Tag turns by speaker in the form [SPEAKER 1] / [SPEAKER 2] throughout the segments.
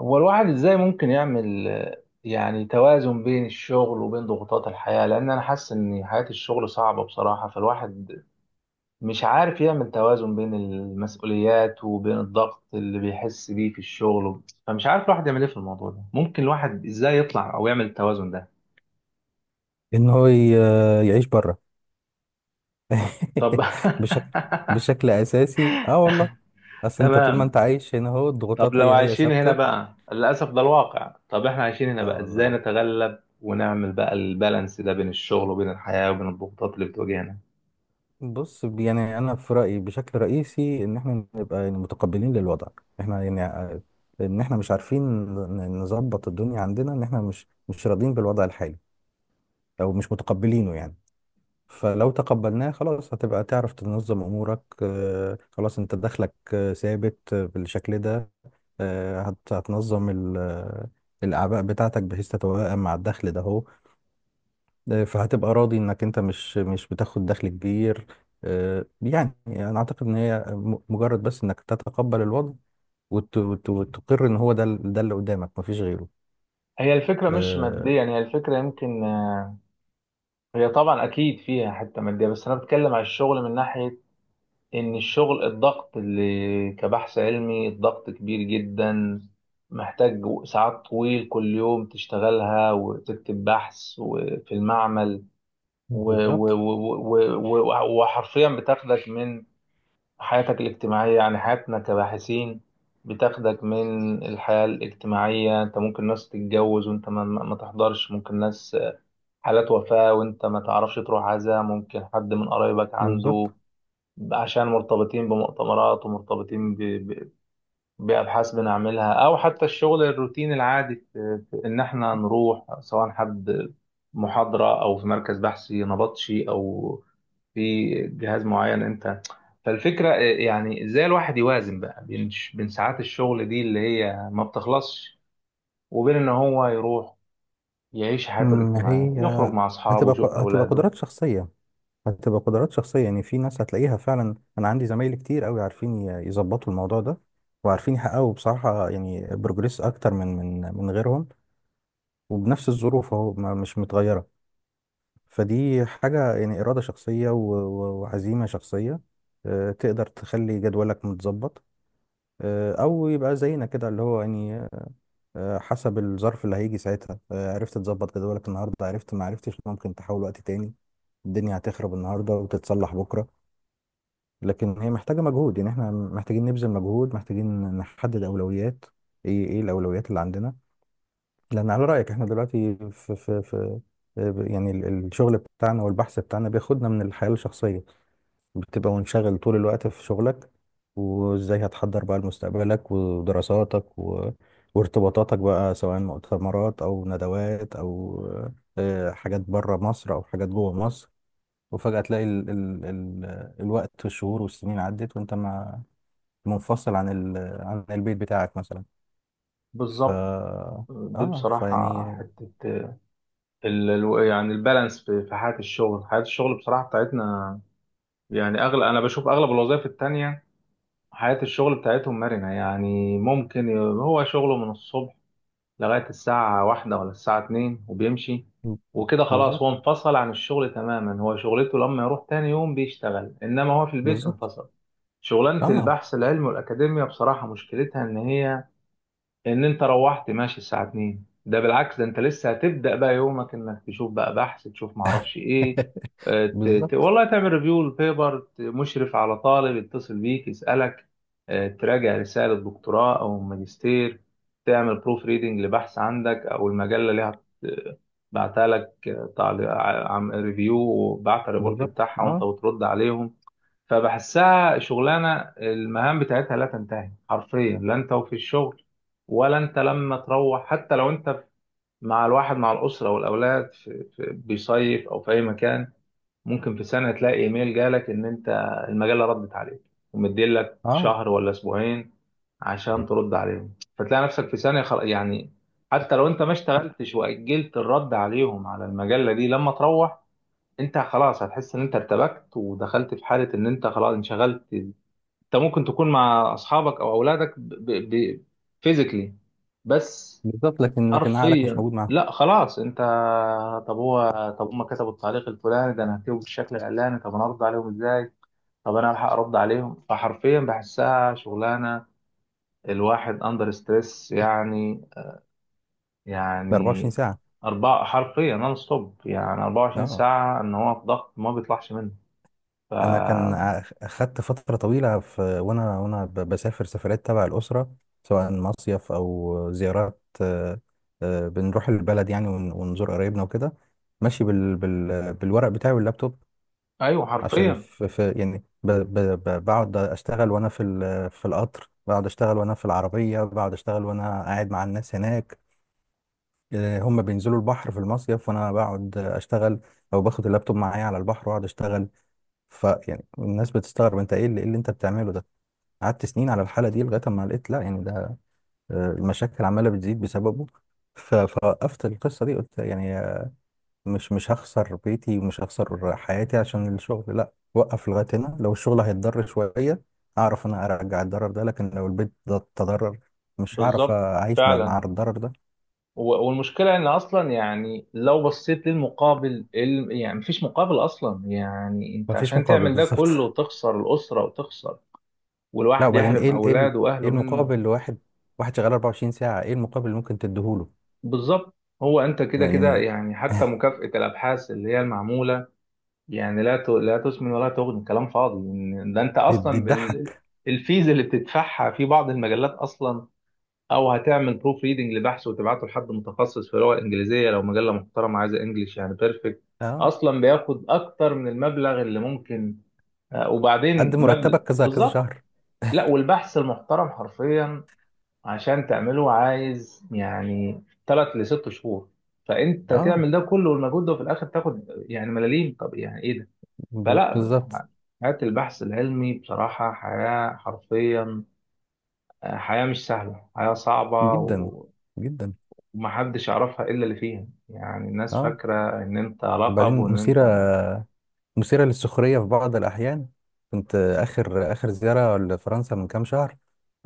[SPEAKER 1] هو الواحد ازاي ممكن يعمل يعني توازن بين الشغل وبين ضغوطات الحياة، لان انا حاسس ان حياة الشغل صعبة بصراحة. فالواحد مش عارف يعمل توازن بين المسؤوليات وبين الضغط اللي بيحس بيه في الشغل. فمش عارف الواحد يعمل ايه في الموضوع ده؟ ممكن الواحد ازاي يطلع او يعمل التوازن ده؟
[SPEAKER 2] ان هو ي- يعيش بره
[SPEAKER 1] طب.
[SPEAKER 2] بشكل بشكل اساسي. اه والله اصل انت طول ما
[SPEAKER 1] تمام.
[SPEAKER 2] انت عايش هنا، هو
[SPEAKER 1] طب
[SPEAKER 2] الضغوطات
[SPEAKER 1] لو
[SPEAKER 2] هي
[SPEAKER 1] عايشين هنا
[SPEAKER 2] ثابته.
[SPEAKER 1] بقى للأسف ده الواقع، طب احنا عايشين هنا
[SPEAKER 2] اه
[SPEAKER 1] بقى ازاي
[SPEAKER 2] والله
[SPEAKER 1] نتغلب ونعمل بقى البالانس ده بين الشغل وبين الحياة وبين الضغوطات اللي بتواجهنا؟
[SPEAKER 2] بص، يعني انا في رايي بشكل رئيسي ان احنا نبقى يعني متقبلين للوضع. احنا يعني ع- ان احنا مش عارفين نظبط الدنيا عندنا، ان احنا مش راضيين بالوضع الحالي او مش متقبلينه يعني. فلو تقبلناه خلاص هتبقى تعرف تنظم امورك، خلاص انت دخلك ثابت بالشكل ده. هتنظم الاعباء بتاعتك بحيث تتوائم مع الدخل ده هو. فهتبقى راضي انك انت مش بتاخد دخل كبير. يعني انا اعتقد ان هي مجرد بس انك تتقبل الوضع وتقر ان هو ده ده اللي قدامك مفيش غيره.
[SPEAKER 1] هي الفكرة مش
[SPEAKER 2] آه،
[SPEAKER 1] مادية يعني، هي الفكرة يمكن هي طبعا أكيد فيها حتة مادية، بس أنا بتكلم على الشغل من ناحية إن الشغل، الضغط اللي كبحث علمي الضغط كبير جدا، محتاج ساعات طويل كل يوم تشتغلها وتكتب بحث وفي المعمل.
[SPEAKER 2] بالظبط،
[SPEAKER 1] وحرفيا بتاخدك من حياتك الاجتماعية، يعني حياتنا كباحثين بتاخدك من الحياة الاجتماعية. انت ممكن ناس تتجوز وانت ما تحضرش، ممكن ناس حالات وفاة وانت ما تعرفش تروح عزاء، ممكن حد من قرايبك
[SPEAKER 2] بالظبط.
[SPEAKER 1] عنده، عشان مرتبطين بمؤتمرات ومرتبطين بأبحاث بنعملها، أو حتى الشغل الروتين العادي في إن إحنا نروح سواء حد محاضرة أو في مركز بحثي نبطشي أو في جهاز معين أنت. فالفكرة إيه، يعني إزاي الواحد يوازن بقى بين ساعات الشغل دي اللي هي ما بتخلصش، وبين إن هو يروح يعيش حياته
[SPEAKER 2] مم،
[SPEAKER 1] الاجتماعية،
[SPEAKER 2] هي
[SPEAKER 1] يخرج مع أصحابه
[SPEAKER 2] هتبقى
[SPEAKER 1] ويشوف
[SPEAKER 2] ق- هتبقى
[SPEAKER 1] أولاده.
[SPEAKER 2] قدرات شخصية. هتبقى قدرات شخصية. يعني في ناس هتلاقيها فعلا، أنا عندي زمايلي كتير أوي عارفين يظبطوا الموضوع ده، وعارفين يحققوا بصراحة يعني بروجريس أكتر من غيرهم وبنفس الظروف أهو مش متغيرة. فدي حاجة يعني إرادة شخصية وعزيمة شخصية. تقدر تخلي جدولك متظبط، أو يبقى زينا كده اللي هو يعني حسب الظرف اللي هيجي ساعتها. عرفت تظبط جدولك النهاردة، عرفت، ما عرفتش ممكن تحاول وقت تاني. الدنيا هتخرب النهاردة وتتصلح بكرة. لكن هي محتاجة مجهود، يعني احنا محتاجين نبذل مجهود، محتاجين نحدد أولويات. ايه، ايه الأولويات اللي عندنا؟ لأن على رأيك احنا دلوقتي في يعني الشغل بتاعنا والبحث بتاعنا بياخدنا من الحياة الشخصية. بتبقى منشغل طول الوقت في شغلك. وازاي هتحضر بقى لمستقبلك ودراساتك و... وارتباطاتك بقى، سواء مؤتمرات أو ندوات أو حاجات بره مصر أو حاجات جوه مصر. وفجأة تلاقي ال ال ال الوقت والشهور والسنين عدت، وانت ما منفصل عن ال... عن البيت بتاعك مثلا. ف
[SPEAKER 1] بالظبط. دي
[SPEAKER 2] اه
[SPEAKER 1] بصراحة
[SPEAKER 2] فيعني
[SPEAKER 1] حتة يعني البالانس في حياة الشغل، حياة الشغل بصراحة بتاعتنا. يعني أغلب، أنا بشوف أغلب الوظائف التانية حياة الشغل بتاعتهم مرنة. يعني ممكن هو شغله من الصبح لغاية الساعة 1 ولا الساعة 2 وبيمشي، وكده خلاص هو
[SPEAKER 2] بالظبط،
[SPEAKER 1] انفصل عن الشغل تماما. هو شغلته لما يروح تاني يوم بيشتغل، إنما هو في البيت
[SPEAKER 2] بالظبط.
[SPEAKER 1] انفصل. شغلانة
[SPEAKER 2] اه.
[SPEAKER 1] البحث العلمي والأكاديمية بصراحة مشكلتها إن هي، ان انت روحت ماشي الساعة 2، ده بالعكس ده انت لسه هتبدأ بقى يومك، انك تشوف بقى بحث، تشوف معرفش ايه.
[SPEAKER 2] بالظبط،
[SPEAKER 1] والله تعمل ريفيو للبيبر، مشرف على طالب يتصل بيك يسألك، تراجع رسالة دكتوراه او ماجستير، تعمل بروف ريدنج لبحث عندك، او المجلة اللي بعتها لك، تعليق عم ريفيو وبعت الريبورت
[SPEAKER 2] بالظبط.
[SPEAKER 1] بتاعها وانت
[SPEAKER 2] اه،
[SPEAKER 1] بترد عليهم. فبحسها شغلانه المهام بتاعتها لا تنتهي حرفيا، لا انت وفي الشغل ولا انت لما تروح. حتى لو انت مع الواحد مع الاسره والاولاد في بيصيف او في اي مكان، ممكن في سنه تلاقي ايميل جالك ان انت المجله ردت عليك ومديلك
[SPEAKER 2] اه،
[SPEAKER 1] شهر ولا اسبوعين عشان ترد عليهم، فتلاقي نفسك في ثانيه يعني حتى لو انت ما اشتغلتش واجلت الرد عليهم على المجله دي لما تروح، انت خلاص هتحس ان انت ارتبكت ودخلت في حاله ان انت خلاص انشغلت. انت ممكن تكون مع اصحابك او اولادك فيزيكلي بس.
[SPEAKER 2] بالظبط. لكن عقلك مش
[SPEAKER 1] حرفيا
[SPEAKER 2] موجود معاهم.
[SPEAKER 1] لا خلاص انت. طب هو طب هم كتبوا التعليق الفلاني ده، انا هكتبه بالشكل الاعلاني، طب انا ارد عليهم ازاي، طب انا الحق ارد عليهم. فحرفيا بحسها شغلانه الواحد اندر ستريس يعني.
[SPEAKER 2] ده
[SPEAKER 1] يعني
[SPEAKER 2] 24 ساعة.
[SPEAKER 1] أربعة حرفيا نون ستوب، يعني 24
[SPEAKER 2] اه،
[SPEAKER 1] ساعة إن هو في ضغط ما بيطلعش منه. ف
[SPEAKER 2] انا اخدت فترة طويلة، في وانا بسافر سفرات تبع الأسرة، سواء مصيف او زيارات. بنروح البلد يعني ونزور قرايبنا وكده، ماشي بال... بال... بالورق بتاعي واللابتوب.
[SPEAKER 1] ايوه
[SPEAKER 2] عشان
[SPEAKER 1] حرفيا.
[SPEAKER 2] في، في يعني ب ب ب بقعد اشتغل وانا في في القطر، بقعد اشتغل وانا في العربيه، بقعد اشتغل وانا قاعد مع الناس هناك. هم بينزلوا البحر في المصيف وانا بقعد اشتغل، او باخد اللابتوب معايا على البحر واقعد اشتغل. فيعني الناس بتستغرب، انت ايه اللي، إيه اللي انت بتعمله ده؟ قعدت سنين على الحاله دي لغايه ما لقيت لا يعني ده المشاكل عماله بتزيد بسببه. فوقفت القصه دي، قلت يعني مش هخسر بيتي ومش هخسر حياتي عشان الشغل. لا، وقف لغاية هنا. لو الشغل هيتضرر شوية أعرف أنا أرجع الضرر ده، لكن لو البيت ده تضرر مش هعرف
[SPEAKER 1] بالظبط
[SPEAKER 2] أعيش بقى مع
[SPEAKER 1] فعلا.
[SPEAKER 2] الضرر ده.
[SPEAKER 1] و- والمشكله ان اصلا يعني لو بصيت للمقابل يعني مفيش مقابل اصلا. يعني انت
[SPEAKER 2] مفيش
[SPEAKER 1] عشان
[SPEAKER 2] مقابل
[SPEAKER 1] تعمل ده
[SPEAKER 2] بالظبط.
[SPEAKER 1] كله وتخسر الاسره وتخسر،
[SPEAKER 2] لا،
[SPEAKER 1] والواحد
[SPEAKER 2] وبعدين
[SPEAKER 1] يحرم
[SPEAKER 2] إيه إيه
[SPEAKER 1] اولاده
[SPEAKER 2] إيه
[SPEAKER 1] واهله منه.
[SPEAKER 2] المقابل لواحد، واحد شغال 24 ساعة، إيه المقابل اللي ممكن تديهوله
[SPEAKER 1] بالظبط. هو انت كده كده،
[SPEAKER 2] يعني؟
[SPEAKER 1] يعني حتى مكافاه الابحاث اللي هي المعموله يعني لا تسمن ولا تغني، كلام فاضي. إن ده انت
[SPEAKER 2] دي
[SPEAKER 1] اصلا
[SPEAKER 2] تضحك.
[SPEAKER 1] الفيز اللي بتدفعها في بعض المجلات اصلا، او هتعمل بروف ريدنج لبحث وتبعته لحد متخصص في اللغه الانجليزيه، لو مجله محترمه عايزه انجليش يعني بيرفكت،
[SPEAKER 2] أه،
[SPEAKER 1] اصلا بياخد اكتر من المبلغ اللي ممكن،
[SPEAKER 2] قد
[SPEAKER 1] وبعدين مبلغ
[SPEAKER 2] مرتبك كذا كذا
[SPEAKER 1] بالظبط.
[SPEAKER 2] شهر.
[SPEAKER 1] لا، والبحث المحترم حرفيا عشان تعمله عايز يعني ثلاث لست شهور، فانت
[SPEAKER 2] أه،
[SPEAKER 1] تعمل ده كله والمجهود ده وفي الاخر تاخد يعني ملاليم. طب يعني ايه ده؟ فلا.
[SPEAKER 2] بالظبط.
[SPEAKER 1] حياة البحث العلمي بصراحة حياة حرفيا، حياة مش سهلة، حياة صعبة.
[SPEAKER 2] جدا، جدا.
[SPEAKER 1] ومحدش يعرفها إلا اللي فيها، يعني الناس
[SPEAKER 2] أه،
[SPEAKER 1] فاكرة إن أنت لقب
[SPEAKER 2] وبعدين
[SPEAKER 1] وإن أنت
[SPEAKER 2] مثيرة،
[SPEAKER 1] ما...
[SPEAKER 2] مثيرة للسخرية في بعض الأحيان. كنت آخر زيارة لفرنسا من كام شهر،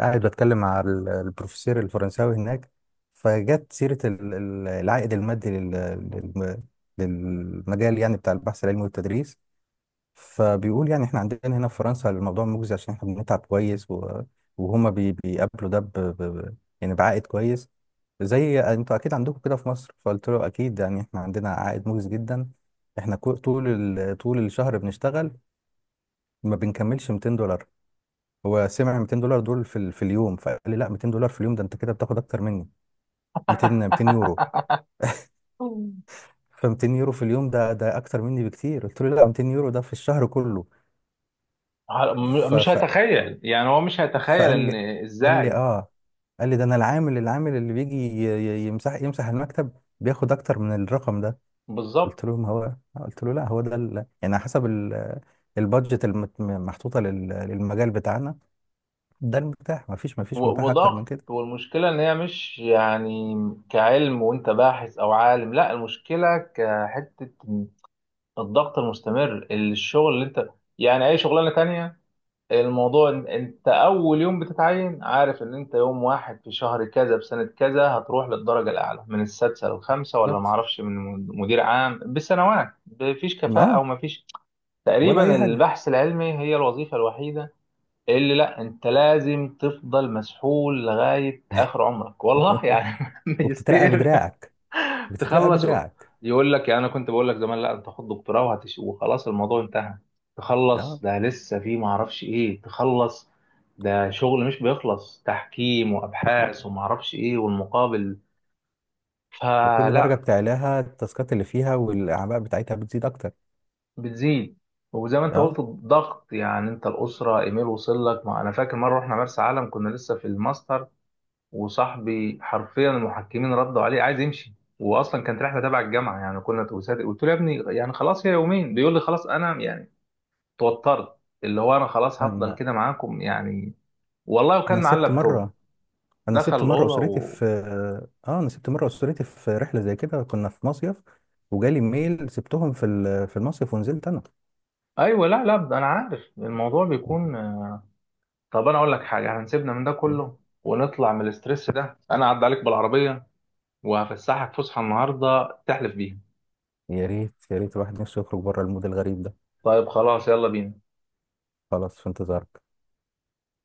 [SPEAKER 2] قاعد بتكلم مع البروفيسور الفرنساوي هناك. فجت سيرة العائد المادي للمجال يعني بتاع البحث العلمي والتدريس. فبيقول يعني احنا عندنا هنا في فرنسا الموضوع مجزي عشان احنا بنتعب كويس و... وهما بي... بيقابلوا ده يعني بعائد كويس. زي انتوا اكيد عندكم كده في مصر. فقلت له اكيد يعني احنا عندنا عائد مجزي جدا، احنا كو... طول ال... طول الشهر بنشتغل ما بنكملش 200$. هو سمع 200$ دول في، ال... في اليوم. فقال لي لا 200$ في اليوم ده انت كده بتاخد اكتر مني. 200 يورو. ف 200 يورو في اليوم ده ده اكتر مني بكتير. قلت له لا، 200 يورو ده في الشهر كله.
[SPEAKER 1] ع- م-
[SPEAKER 2] ف...
[SPEAKER 1] مش
[SPEAKER 2] ف...
[SPEAKER 1] هيتخيل يعني. هو مش هيتخيل
[SPEAKER 2] فقال
[SPEAKER 1] إن
[SPEAKER 2] لي، قال لي
[SPEAKER 1] إزاي.
[SPEAKER 2] اه، قال لي ده انا العامل، العامل اللي بيجي يمسح، يمسح المكتب بياخد اكتر من الرقم ده.
[SPEAKER 1] بالظبط.
[SPEAKER 2] قلت له ما هو، قلت له لا هو ده ال... يعني على حسب ال... البادجت المحطوطه لل... للمجال بتاعنا، ده المتاح، ما فيش، ما فيش متاح اكتر من
[SPEAKER 1] وضغط.
[SPEAKER 2] كده.
[SPEAKER 1] والمشكلة إن هي مش يعني كعلم وأنت باحث أو عالم، لا، المشكلة كحتة الضغط المستمر، الشغل اللي أنت، يعني أي شغلانة تانية، الموضوع إن انت اول يوم بتتعين عارف ان انت يوم واحد في شهر كذا بسنة كذا هتروح للدرجة الاعلى من السادسة للخامسة ولا
[SPEAKER 2] بالظبط.
[SPEAKER 1] معرفش من مدير عام بسنوات. مفيش كفاءة او
[SPEAKER 2] اه،
[SPEAKER 1] مفيش.
[SPEAKER 2] ولا اي
[SPEAKER 1] تقريبا
[SPEAKER 2] حاجه.
[SPEAKER 1] البحث العلمي هي الوظيفة الوحيدة اللي لا، انت لازم تفضل مسحول لغاية اخر عمرك والله يعني.
[SPEAKER 2] وبتترقى
[SPEAKER 1] ماجستير
[SPEAKER 2] بدراعك، بتترقى
[SPEAKER 1] تخلص.
[SPEAKER 2] بدراعك.
[SPEAKER 1] يقول لك، يعني انا كنت بقول لك زمان لا انت خد دكتوراه وخلاص الموضوع انتهى. تخلص
[SPEAKER 2] اه.
[SPEAKER 1] ده لسه في ما اعرفش ايه. تخلص، ده شغل مش بيخلص، تحكيم وابحاث وما اعرفش ايه، والمقابل.
[SPEAKER 2] وكل درجه
[SPEAKER 1] فلا.
[SPEAKER 2] بتعلاها التاسكات اللي فيها والاعباء بتاعتها بتزيد اكتر.
[SPEAKER 1] بتزيد. وزي ما انت قلت
[SPEAKER 2] اه،
[SPEAKER 1] الضغط يعني انت الاسره، ايميل وصل لك. ما انا فاكر مره رحنا مرسى علم كنا لسه في الماستر، وصاحبي حرفيا المحكمين ردوا عليه، عايز يمشي. واصلا كانت رحله تبع الجامعه يعني، كنا قلت له يا ابني يعني خلاص هي يومين. بيقول لي خلاص انا يعني توترت، اللي هو انا خلاص هفضل
[SPEAKER 2] انا
[SPEAKER 1] كده معاكم يعني. والله.
[SPEAKER 2] انا
[SPEAKER 1] وكان معاه
[SPEAKER 2] سبت
[SPEAKER 1] اللابتوب،
[SPEAKER 2] مره
[SPEAKER 1] دخل
[SPEAKER 2] سبت مره
[SPEAKER 1] الاوضه
[SPEAKER 2] اسرتي في، اه انا سبت مره اسرتي في رحله زي كده، كنا في مصيف وجالي ميل سبتهم في في المصيف ونزلت انا.
[SPEAKER 1] ايوه لا لا ده انا عارف الموضوع بيكون. طب انا اقول لك حاجه، هنسيبنا من ده كله ونطلع من الاسترس ده، انا هعدي عليك بالعربيه وهفسحك فسحه النهارده تحلف بيها.
[SPEAKER 2] يا ريت، يا ريت الواحد نفسه يخرج بره المود الغريب ده.
[SPEAKER 1] طيب خلاص يلا بينا.
[SPEAKER 2] خلاص، في انتظار.